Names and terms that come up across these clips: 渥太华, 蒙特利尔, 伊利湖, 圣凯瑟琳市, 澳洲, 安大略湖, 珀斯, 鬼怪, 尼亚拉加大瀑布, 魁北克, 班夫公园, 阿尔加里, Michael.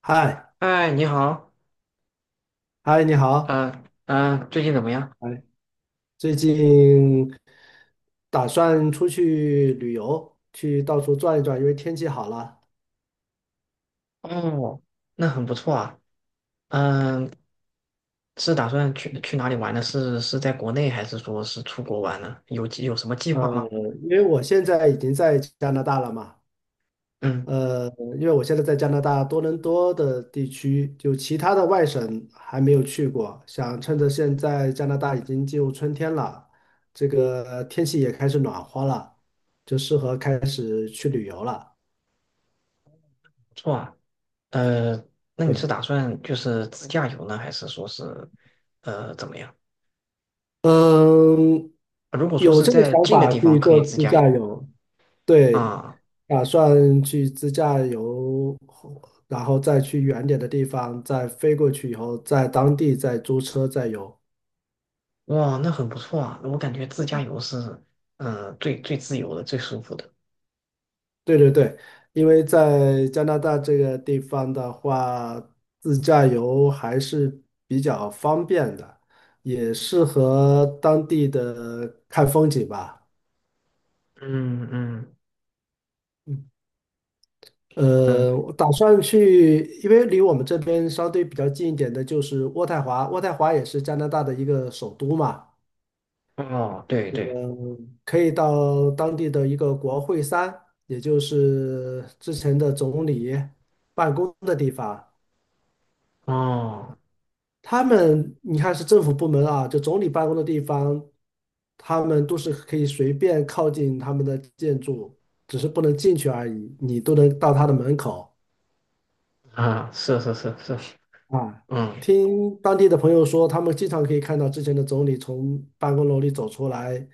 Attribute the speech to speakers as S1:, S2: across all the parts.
S1: 嗨，
S2: 哎，你好。
S1: 嗨，你好，
S2: 最近怎么样？
S1: 哎，最近打算出去旅游，去到处转一转，因为天气好了。
S2: 哦，那很不错啊。嗯、是打算去哪里玩呢？是在国内还是说是出国玩呢？有什么计划吗？
S1: 嗯，因为我现在已经在加拿大了嘛。
S2: 嗯，
S1: 呃，因为我现在在加拿大多伦多的地区，就其他的外省还没有去过，想趁着现在加拿大已经进入春天了，这个天气也开始暖和了，就适合开始去旅游了。
S2: 不错啊。呃，那你是
S1: 对。
S2: 打算就是自驾游呢，还是说是怎么样？
S1: 嗯，
S2: 如果说
S1: 有
S2: 是
S1: 这个
S2: 在
S1: 想
S2: 近的
S1: 法
S2: 地方
S1: 去
S2: 可以
S1: 做
S2: 自
S1: 自
S2: 驾
S1: 驾
S2: 游
S1: 游，对，
S2: 啊。
S1: 打算去自驾游，然后再去远点的地方，再飞过去以后，在当地再租车再游。
S2: 哇，那很不错啊。我感觉自驾游是最自由的、最舒服的。
S1: 对对对，因为在加拿大这个地方的话，自驾游还是比较方便的，也适合当地的看风景吧。
S2: 嗯嗯。
S1: 嗯。
S2: 嗯，
S1: 我打算去，因为离我们这边相对比较近一点的就是渥太华，渥太华也是加拿大的一个首都嘛。
S2: 哦，对对。
S1: 嗯，可以到当地的一个国会山，也就是之前的总理办公的地方。
S2: 哦。
S1: 他们你看是政府部门啊，就总理办公的地方，他们都是可以随便靠近他们的建筑，只是不能进去而已，你都能到他的门口。
S2: 啊，是是是是。
S1: 啊，
S2: 嗯
S1: 听当地的朋友说，他们经常可以看到之前的总理从办公楼里走出来，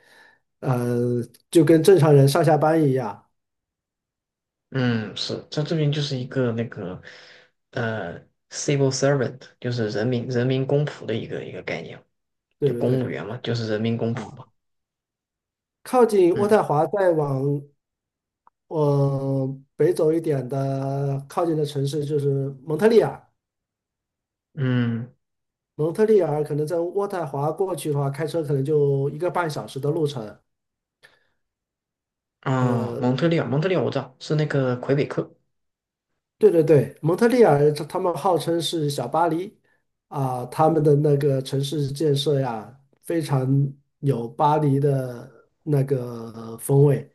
S1: 呃，就跟正常人上下班一样。
S2: 嗯。是，他这边就是一个那个呃，civil servant,就是人民公仆的一个概念，
S1: 对
S2: 就
S1: 对
S2: 公务
S1: 对。
S2: 员嘛，就是人民公仆
S1: 啊，
S2: 嘛。
S1: 靠近渥
S2: 嗯
S1: 太华再往北走一点的靠近的城市就是蒙特利尔。
S2: 嗯。
S1: 蒙特利尔可能在渥太华过去的话，开车可能就1个半小时的路程。
S2: 啊，
S1: 呃，
S2: 蒙特利尔，蒙特利尔我知道是那个魁北克。
S1: 对对对，蒙特利尔他们号称是小巴黎啊，他们的那个城市建设呀，非常有巴黎的那个风味。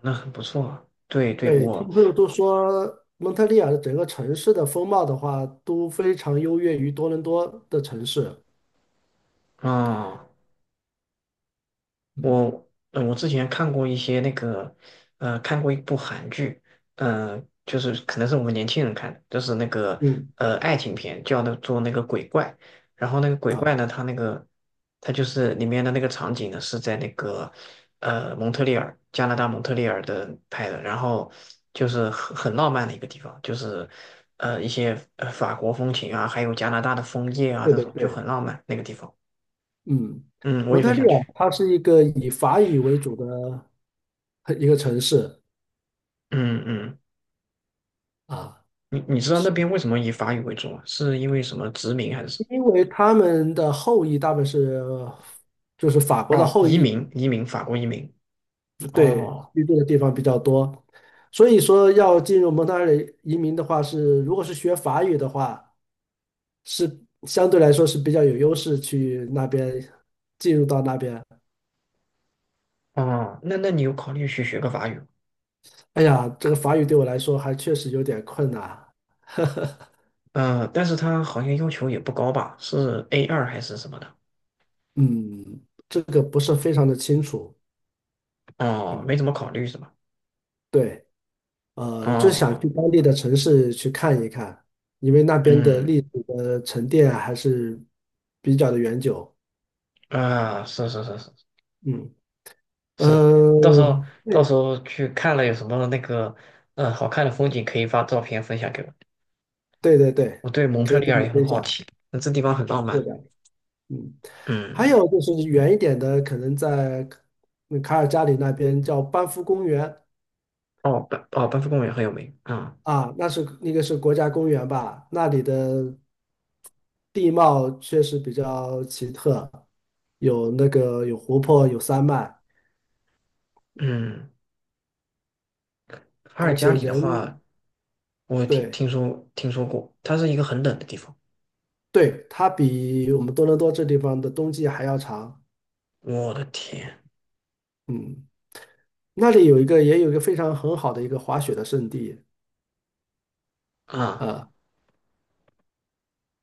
S2: 那很不错啊。对对，
S1: 对，听
S2: 我
S1: 朋友都说蒙特利尔的整个城市的风貌的话，都非常优越于多伦多的城市。
S2: 啊。
S1: 嗯
S2: 我我之前看过一些那个，看过一部韩剧，就是可能是我们年轻人看的，就是那个
S1: 嗯。
S2: 爱情片，叫的做那个鬼怪。然后那个鬼
S1: 啊，
S2: 怪呢，它那个它就是里面的那个场景呢是在那个蒙特利尔，加拿大蒙特利尔的拍的，然后就是很浪漫的一个地方，就是一些法国风情啊，还有加拿大的枫叶啊，
S1: 对
S2: 这
S1: 对
S2: 种就
S1: 对。
S2: 很浪漫那个地方。
S1: 嗯，
S2: 嗯，我
S1: 蒙
S2: 也
S1: 特
S2: 很
S1: 利
S2: 想
S1: 尔
S2: 去。
S1: 它是一个以法语为主的一个城市
S2: 嗯嗯。
S1: 啊。
S2: 你知道那
S1: 是。
S2: 边为什么以法语为主吗？是因为什么殖民还是什
S1: 因为他们的后裔大部分是就是法国
S2: 么？
S1: 的
S2: 哦，
S1: 后
S2: 移
S1: 裔，
S2: 民，移民，法国移民。
S1: 对，
S2: 哦。
S1: 居住的地方比较多，所以说要进入蒙特利尔移民的话是，如果是学法语的话，是相对来说是比较有优势去那边进入到那边。
S2: 哦，那那你有考虑去学个法语？
S1: 哎呀，这个法语对我来说还确实有点困难，
S2: 嗯，但是他好像要求也不高吧？是 A 二还是什么的？
S1: 嗯，这个不是非常的清楚。
S2: 哦，
S1: 嗯，
S2: 没怎么考虑是吧？
S1: 对。就是想
S2: 哦。
S1: 去当地的城市去看一看，因为那边的
S2: 嗯
S1: 历史的沉淀啊还是比较的悠久。
S2: 是是是是
S1: 嗯。
S2: 是。你到时
S1: 呃，
S2: 候到时
S1: 对
S2: 候去看了有什么那个好看的风景，可以发照片分享给我。
S1: 对对对，
S2: 我对蒙
S1: 可
S2: 特
S1: 以
S2: 利
S1: 跟
S2: 尔
S1: 你
S2: 也很
S1: 分
S2: 好
S1: 享，
S2: 奇，那这地方很浪
S1: 是
S2: 漫。
S1: 的。嗯，还
S2: 嗯。
S1: 有就是远一点的，可能在卡尔加里那边叫班夫公园
S2: 哦，班夫公园很有名啊。
S1: 啊，那是那个是国家公园吧，那里的地貌确实比较奇特，有那个有湖泊，有山脉。
S2: 嗯，阿尔
S1: 而
S2: 加
S1: 且
S2: 里的
S1: 人
S2: 话，我
S1: 对
S2: 听说过，它是一个很冷的地方。
S1: 对，它比我们多伦多这地方的冬季还要长。
S2: 我的天
S1: 嗯，那里有一个也有一个非常很好的一个滑雪的圣地
S2: 啊。
S1: 啊。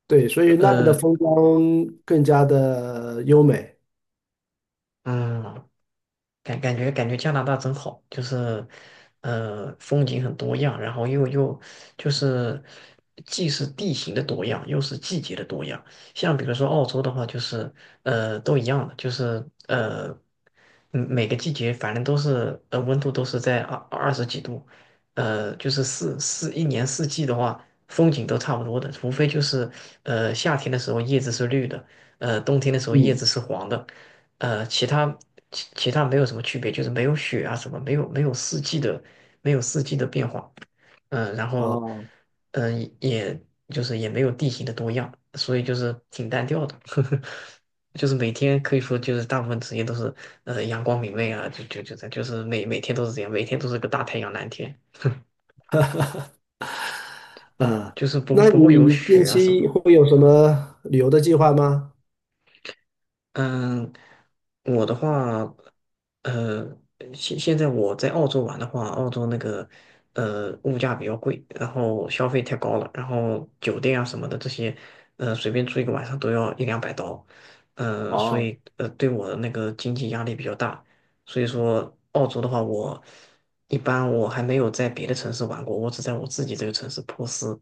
S1: 对，所以那边的
S2: 呃，呃
S1: 风光更加的优美。
S2: 嗯，感觉加拿大真好，就是风景很多样，然后又就是，既是地形的多样，又是季节的多样。像比如说澳洲的话，就是都一样的，就是每个季节反正都是温度都是在二十几度，就是一年四季的话，风景都差不多的，除非就是夏天的时候叶子是绿的，冬天的时候叶
S1: 嗯，
S2: 子是黄的。呃，其他其他没有什么区别，就是没有雪啊什么，没有四季的，没有四季的变化。嗯、然后
S1: 哦，
S2: 也就是也没有地形的多样，所以就是挺单调的，呵呵，就是每天可以说就是大部分时间都是阳光明媚啊，就是每天都是这样，每天都是个大太阳蓝天，
S1: 嗯，
S2: 就是不
S1: 那
S2: 不会有
S1: 你近
S2: 雪啊什
S1: 期
S2: 么。
S1: 会有什么旅游的计划吗？
S2: 嗯，我的话，呃，现在我在澳洲玩的话，澳洲那个物价比较贵，然后消费太高了，然后酒店啊什么的这些，随便住一个晚上都要一两百刀。所
S1: 哦，
S2: 以对我的那个经济压力比较大，所以说澳洲的话，我一般我还没有在别的城市玩过，我只在我自己这个城市珀斯，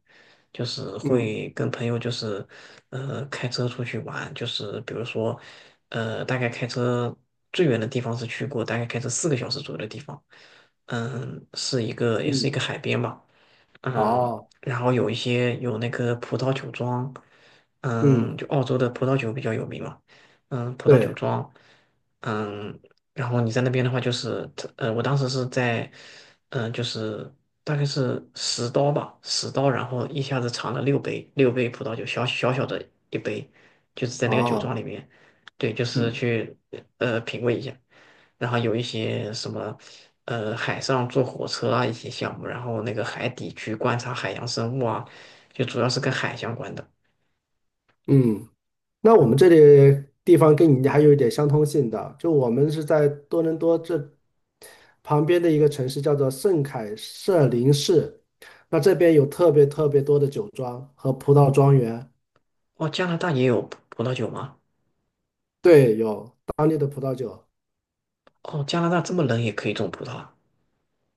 S2: 就是
S1: 嗯
S2: 会跟朋友就是开车出去玩，就是比如说大概开车最远的地方是去过，大概开车四个小时左右的地方。嗯，是一个也是
S1: 嗯，
S2: 一个海边吧。嗯，
S1: 哦，
S2: 然后有一些有那个葡萄酒庄。嗯，
S1: 嗯，
S2: 就澳洲的葡萄酒比较有名嘛。嗯，葡萄
S1: 对，
S2: 酒庄。嗯。然后你在那边的话，就是我当时是在，就是大概是十刀吧，十刀，然后一下子尝了六杯，六杯葡萄酒，小小的一杯，就是在那个酒庄
S1: 哦，
S2: 里面。对，就是
S1: 嗯
S2: 去品味一下，然后有一些什么海上坐火车啊一些项目，然后那个海底去观察海洋生物啊，就主要是跟海相关的。
S1: 嗯。那我们这
S2: 嗯。
S1: 里地方跟你还有一点相通性的，就我们是在多伦多这旁边的一个城市，叫做圣凯瑟琳市。那这边有特别特别多的酒庄和葡萄庄园，
S2: 哦，加拿大也有葡萄酒吗？
S1: 对，有当地的葡萄酒。
S2: 哦，加拿大这么冷也可以种葡萄啊？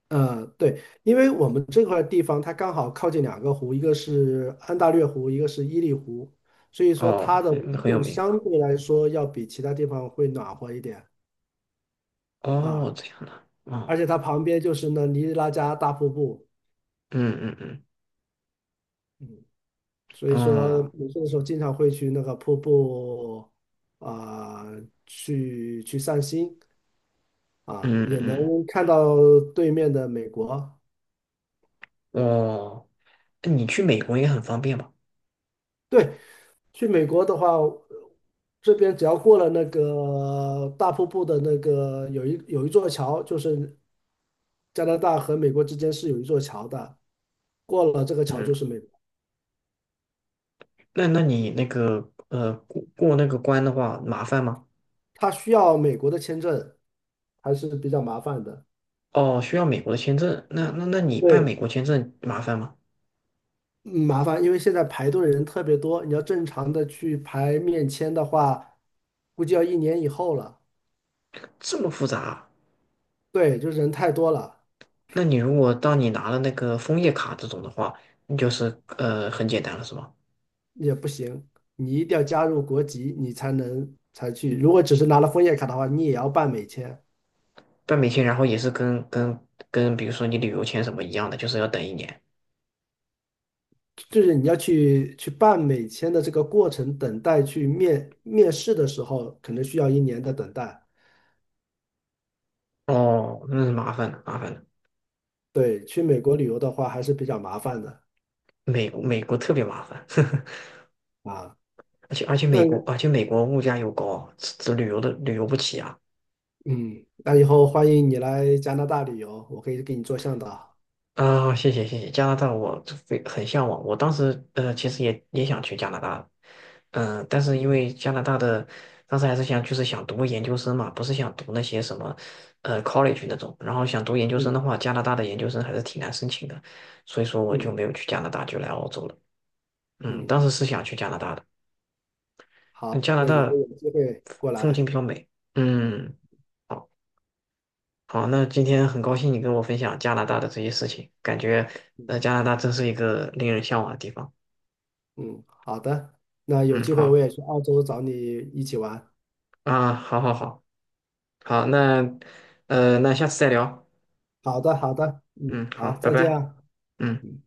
S1: 对，因为我们这块地方它刚好靠近2个湖，一个是安大略湖，一个是伊利湖，所以说
S2: 哦，
S1: 它的
S2: 很
S1: 温
S2: 很有
S1: 度
S2: 名。
S1: 相对来说要比其他地方会暖和一点
S2: 哦，
S1: 啊。
S2: 这样的。
S1: 而
S2: 哦。
S1: 且它旁边就是那尼亚拉加大瀑布。
S2: 嗯嗯
S1: 嗯，所以
S2: 嗯。
S1: 说
S2: 哦。
S1: 没事的时候经常会去那个瀑布啊、去去散心啊，
S2: 嗯
S1: 也能
S2: 嗯。
S1: 看到对面的美国。
S2: 哦，那你去美国也很方便吧？
S1: 对，去美国的话，这边只要过了那个大瀑布的那个有一座桥，就是加拿大和美国之间是有一座桥的，过了这个桥就是
S2: 嗯，
S1: 美国。
S2: 那你那个过那个关的话麻烦吗？
S1: 它需要美国的签证，还是比较麻烦的。
S2: 哦，需要美国的签证，那你办美
S1: 对，
S2: 国签证麻烦吗？
S1: 嗯麻烦，因为现在排队的人特别多，你要正常的去排面签的话，估计要1年以后了。
S2: 这么复杂啊。
S1: 对，就是人太多了
S2: 那你如果当你拿了那个枫叶卡这种的话，那就是很简单了是吗？
S1: 也不行，你一定要加入国籍，你才能才去。如果只是拿了枫叶卡的话，你也要办美签，
S2: 办美签然后也是跟比如说你旅游签什么一样的，就是要等一年。
S1: 就是你要去去办美签的这个过程，等待去面试的时候，可能需要1年的等待。
S2: 哦，那是麻烦的，麻烦的。
S1: 对，去美国旅游的话还是比较麻烦的
S2: 美国特别麻烦。
S1: 啊。
S2: 而且而且
S1: 那
S2: 美国，而且美国物价又高，这旅游的旅游不起啊！
S1: 嗯，那以后欢迎你来加拿大旅游，我可以给你做向导。
S2: 啊，谢谢谢谢，加拿大我非很向往，我当时其实也想去加拿大。但是因为加拿大的当时还是想就是想读个研究生嘛，不是想读那些什么college 那种，然后想读研究生的
S1: 嗯
S2: 话，加拿大的研究生还是挺难申请的，所以说我就
S1: 嗯
S2: 没有去加拿大，就来澳洲了。嗯，
S1: 嗯，
S2: 当时是想去加拿大的。嗯，
S1: 好，
S2: 加拿
S1: 那以后
S2: 大
S1: 有机会过
S2: 风景
S1: 来。
S2: 比较美。嗯。好。好，那今天很高兴你跟我分享加拿大的这些事情，感觉加拿大真是一个令人向往的地方。
S1: 嗯，好的，那有
S2: 嗯，
S1: 机会我
S2: 好
S1: 也去澳洲找你一起玩。
S2: 啊，好好好好，那那下次再聊。
S1: 好的好的，嗯，
S2: 嗯，好，
S1: 好，
S2: 拜
S1: 再见
S2: 拜。
S1: 啊。
S2: 嗯。
S1: 嗯。